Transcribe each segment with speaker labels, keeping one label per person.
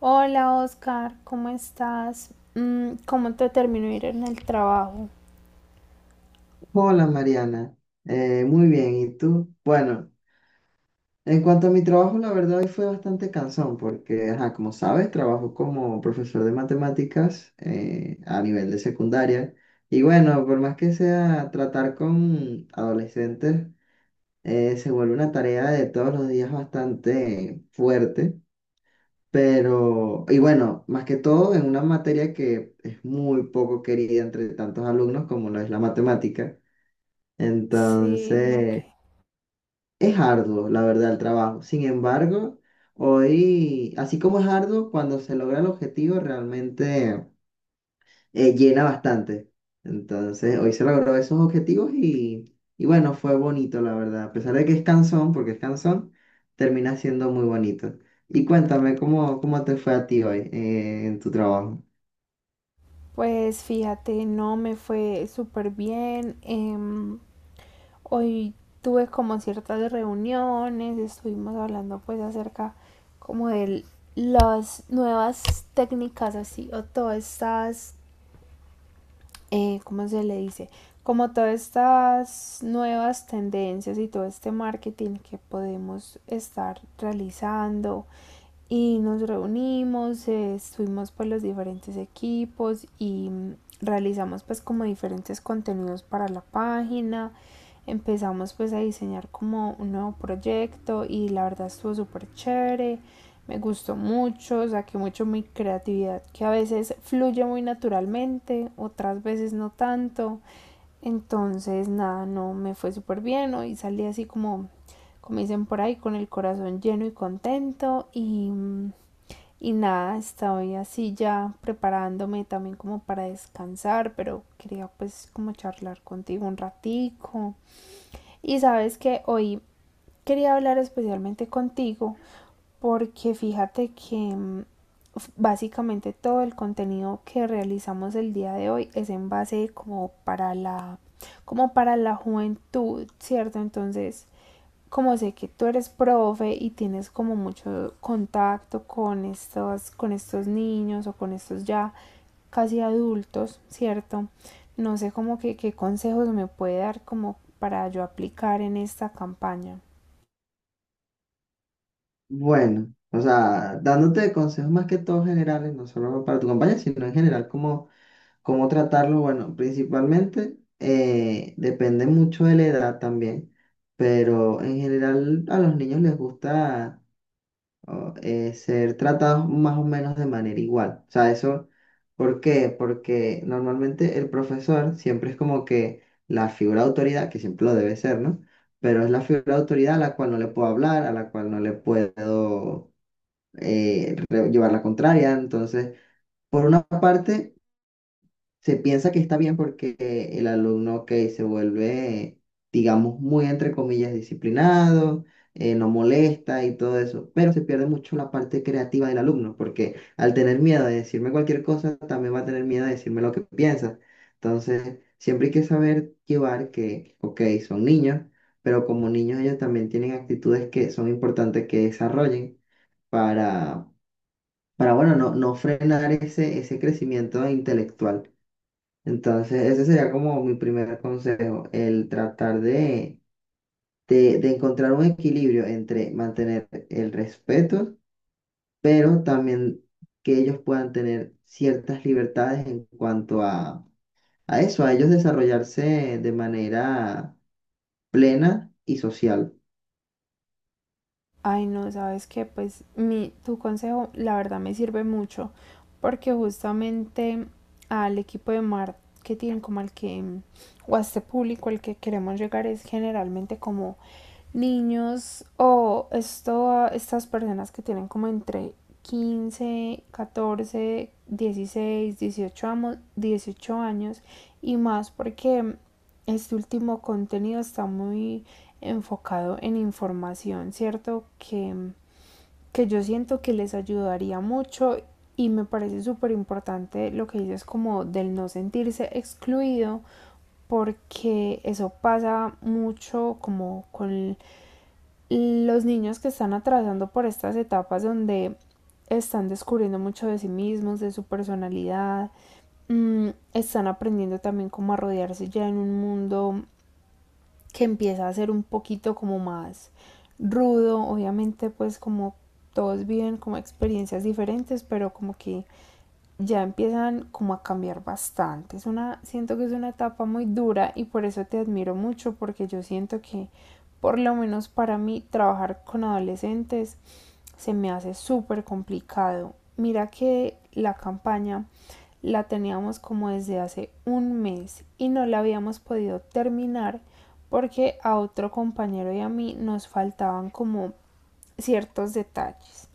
Speaker 1: Hola Oscar, ¿cómo estás? ¿Cómo te terminó de ir en el trabajo?
Speaker 2: Hola Mariana. Muy bien, ¿y tú? Bueno, en cuanto a mi trabajo, la verdad hoy fue bastante cansón porque, ajá, como sabes, trabajo como profesor de matemáticas a nivel de secundaria. Y bueno, por más que sea tratar con adolescentes, se vuelve una tarea de todos los días bastante fuerte, pero, y bueno, más que todo en una materia que es muy poco querida entre tantos alumnos como lo es la matemática.
Speaker 1: Sí, ok.
Speaker 2: Entonces, es arduo, la verdad, el trabajo. Sin embargo, hoy, así como es arduo, cuando se logra el objetivo, realmente llena bastante. Entonces, hoy se logró esos objetivos y bueno, fue bonito, la verdad. A pesar de que es cansón, porque es cansón, termina siendo muy bonito. Y cuéntame, ¿cómo te fue a ti hoy en tu trabajo?
Speaker 1: Pues fíjate, no me fue súper bien. Hoy tuve como ciertas reuniones, estuvimos hablando pues acerca como de las nuevas técnicas así o todas estas ¿cómo se le dice? Como todas estas nuevas tendencias y todo este marketing que podemos estar realizando y nos reunimos, estuvimos por los diferentes equipos y realizamos pues como diferentes contenidos para la página. Empezamos pues a diseñar como un nuevo proyecto y la verdad estuvo súper chévere. Me gustó mucho, saqué mucho mi creatividad que a veces fluye muy naturalmente, otras veces no tanto. Entonces, nada, no me fue súper bien. ¿No? Y salí así como, como dicen por ahí, con el corazón lleno y contento. Y nada, estoy así ya preparándome también como para descansar, pero quería pues como charlar contigo un ratico. Y sabes que hoy quería hablar especialmente contigo porque fíjate que básicamente todo el contenido que realizamos el día de hoy es en base como para la juventud, ¿cierto? Entonces, como sé que tú eres profe y tienes como mucho contacto con estos niños o con estos ya casi adultos, ¿cierto? No sé como que qué consejos me puede dar como para yo aplicar en esta campaña.
Speaker 2: Bueno, o sea, dándote consejos más que todo generales, no solo para tu compañía, sino en general, cómo. ¿Cómo tratarlo? Bueno, principalmente depende mucho de la edad también, pero en general a los niños les gusta o, ser tratados más o menos de manera igual. O sea, eso, ¿por qué? Porque normalmente el profesor siempre es como que la figura de autoridad, que siempre lo debe ser, ¿no? Pero es la figura de autoridad a la cual no le puedo hablar, a la cual no le puedo llevar la contraria, entonces... Por una parte, se piensa que está bien porque el alumno que se vuelve, digamos, muy entre comillas disciplinado, no molesta y todo eso, pero se pierde mucho la parte creativa del alumno porque al tener miedo de decirme cualquier cosa, también va a tener miedo de decirme lo que piensa. Entonces, siempre hay que saber llevar que, ok, son niños, pero como niños ellos también tienen actitudes que son importantes que desarrollen para... Para, bueno, no, no frenar ese crecimiento intelectual. Entonces, ese sería como mi primer consejo, el tratar de encontrar un equilibrio entre mantener el respeto, pero también que ellos puedan tener ciertas libertades en cuanto a eso, a ellos desarrollarse de manera plena y social.
Speaker 1: Ay, no, sabes que pues tu consejo la verdad me sirve mucho porque justamente al equipo de marketing como al que, o a este público al que queremos llegar es generalmente como niños o esto, estas personas que tienen como entre 15 14 16 18 años y más porque este último contenido está muy enfocado en información, ¿cierto? Que yo siento que les ayudaría mucho y me parece súper importante lo que dices como del no sentirse excluido porque eso pasa mucho como con los niños que están atravesando por estas etapas donde están descubriendo mucho de sí mismos, de su personalidad, están aprendiendo también cómo a rodearse ya en un mundo que empieza a ser un poquito como más rudo, obviamente pues como todos viven como experiencias diferentes, pero como que ya empiezan como a cambiar bastante. Siento que es una etapa muy dura y por eso te admiro mucho porque yo siento que por lo menos para mí trabajar con adolescentes se me hace súper complicado. Mira que la campaña la teníamos como desde hace un mes y no la habíamos podido terminar porque a otro compañero y a mí nos faltaban como ciertos detalles.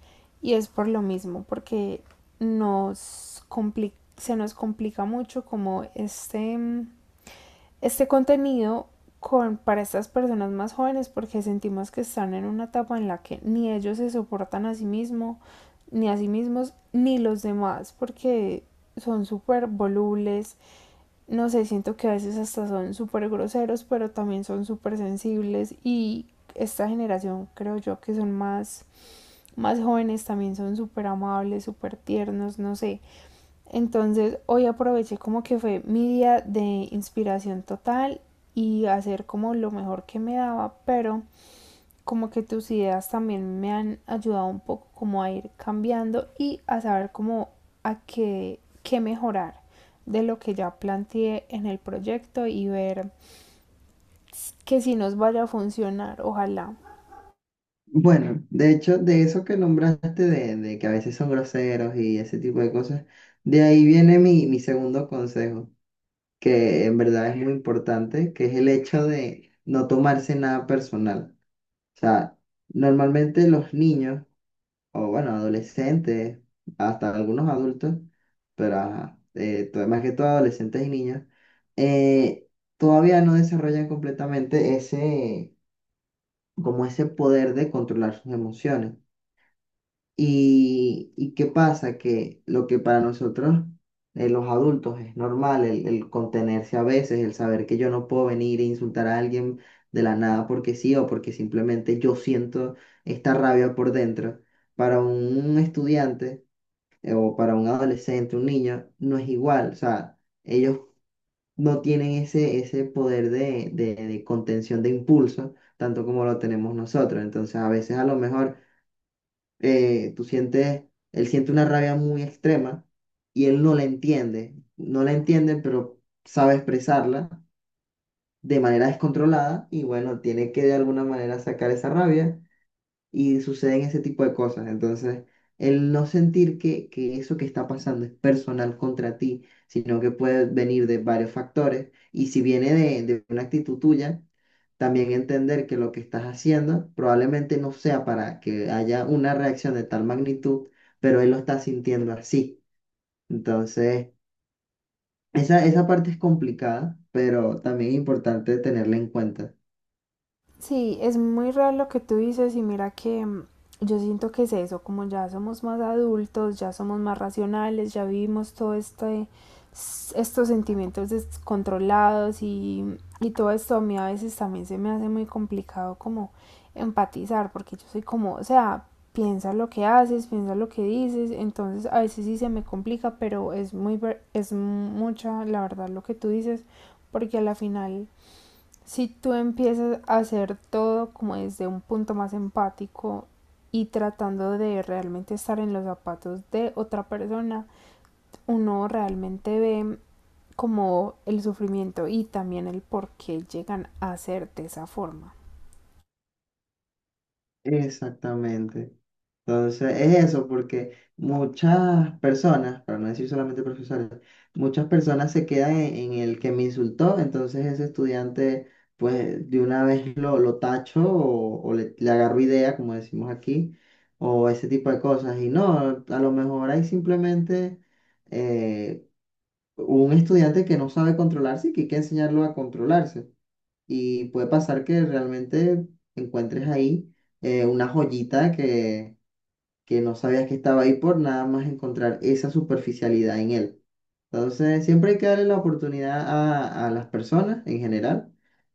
Speaker 1: Y es por lo mismo, porque nos complica se nos complica mucho como este, este contenido con, para estas personas más jóvenes porque sentimos que están en una etapa en la que ni ellos se soportan a sí mismos, ni a sí mismos, ni los demás, porque son súper volubles, no sé, siento que a veces hasta son súper groseros, pero también son súper sensibles y esta generación creo yo que son más más jóvenes también son súper amables, súper tiernos, no sé. Entonces hoy aproveché como que fue mi día de inspiración total y hacer como lo mejor que me daba, pero como que tus ideas también me han ayudado un poco como a ir cambiando y a saber como a qué, qué mejorar de lo que ya planteé en el proyecto y ver que si nos vaya a funcionar, ojalá.
Speaker 2: Bueno, de hecho, de eso que nombraste, de que a veces son groseros y ese tipo de cosas, de ahí viene mi segundo consejo, que en verdad es muy importante, que es el hecho de no tomarse nada personal. O sea, normalmente los niños, o bueno, adolescentes, hasta algunos adultos, pero ajá, más que todo adolescentes y niños, eh, todavía no desarrollan completamente ese, como ese poder de controlar sus emociones. Y ¿qué pasa? Que lo que para nosotros, los adultos, es normal, el contenerse a veces, el saber que yo no puedo venir e insultar a alguien de la nada porque sí o porque simplemente yo siento esta rabia por dentro. Para un estudiante o para un adolescente, un niño, no es igual. O sea, ellos no tienen ese poder de contención de impulso, tanto como lo tenemos nosotros. Entonces, a veces a lo mejor tú sientes, él siente una rabia muy extrema y él no la entiende, no la entiende, pero sabe expresarla de manera descontrolada y bueno, tiene que de alguna manera sacar esa rabia y suceden ese tipo de cosas. Entonces, el no sentir que eso que está pasando es personal contra ti, sino que puede venir de varios factores y si viene de una actitud tuya, también entender que lo que estás haciendo probablemente no sea para que haya una reacción de tal magnitud, pero él lo está sintiendo así. Entonces, esa parte es complicada, pero también es importante tenerla en cuenta.
Speaker 1: Sí, es muy real lo que tú dices y mira que yo siento que es eso, como ya somos más adultos, ya somos más racionales, ya vivimos todo este, estos sentimientos descontrolados y todo esto a mí a veces también se me hace muy complicado como empatizar, porque yo soy como, o sea, piensa lo que haces, piensa lo que dices, entonces a veces sí se me complica, pero es muy, es mucha la verdad lo que tú dices, porque a la final si tú empiezas a hacer todo como desde un punto más empático y tratando de realmente estar en los zapatos de otra persona, uno realmente ve como el sufrimiento y también el por qué llegan a ser de esa forma.
Speaker 2: Exactamente. Entonces es eso, porque muchas personas, para no decir solamente profesores, muchas personas se quedan en el que me insultó, entonces ese estudiante pues de una vez lo tacho o le agarro idea, como decimos aquí, o ese tipo de cosas. Y no, a lo mejor hay simplemente eh, un estudiante que no sabe controlarse y que hay que enseñarlo a controlarse. Y puede pasar que realmente encuentres ahí una joyita que no sabías que estaba ahí por nada más encontrar esa superficialidad en él. Entonces, siempre hay que darle la oportunidad a las personas en general.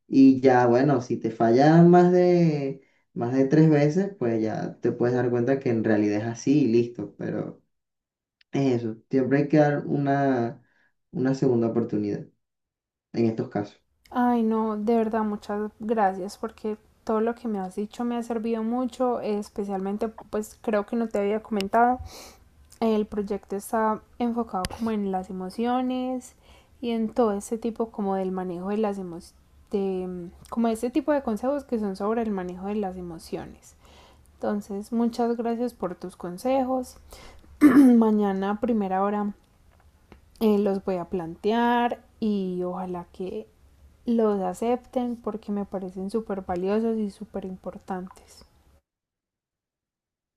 Speaker 2: Y ya, bueno, si te falla más de 3 veces, pues ya te puedes dar cuenta que en realidad es así y listo. Pero es eso, siempre hay que dar una segunda oportunidad en estos casos.
Speaker 1: Ay, no, de verdad, muchas gracias porque todo lo que me has dicho me ha servido mucho, especialmente pues creo que no te había comentado el proyecto está enfocado como en las emociones y en todo este tipo como del manejo de las emociones, de, como este tipo de consejos que son sobre el manejo de las emociones. Entonces, muchas gracias por tus consejos. Mañana a primera hora los voy a plantear y ojalá que los acepten porque me parecen súper valiosos y súper importantes.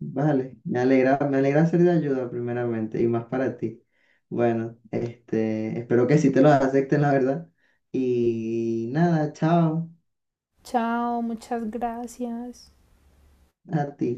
Speaker 2: Vale, me alegra ser de ayuda primeramente y más para ti. Bueno, este, espero que sí te lo acepten, la verdad. Y nada, chao
Speaker 1: Chao, muchas gracias.
Speaker 2: a ti.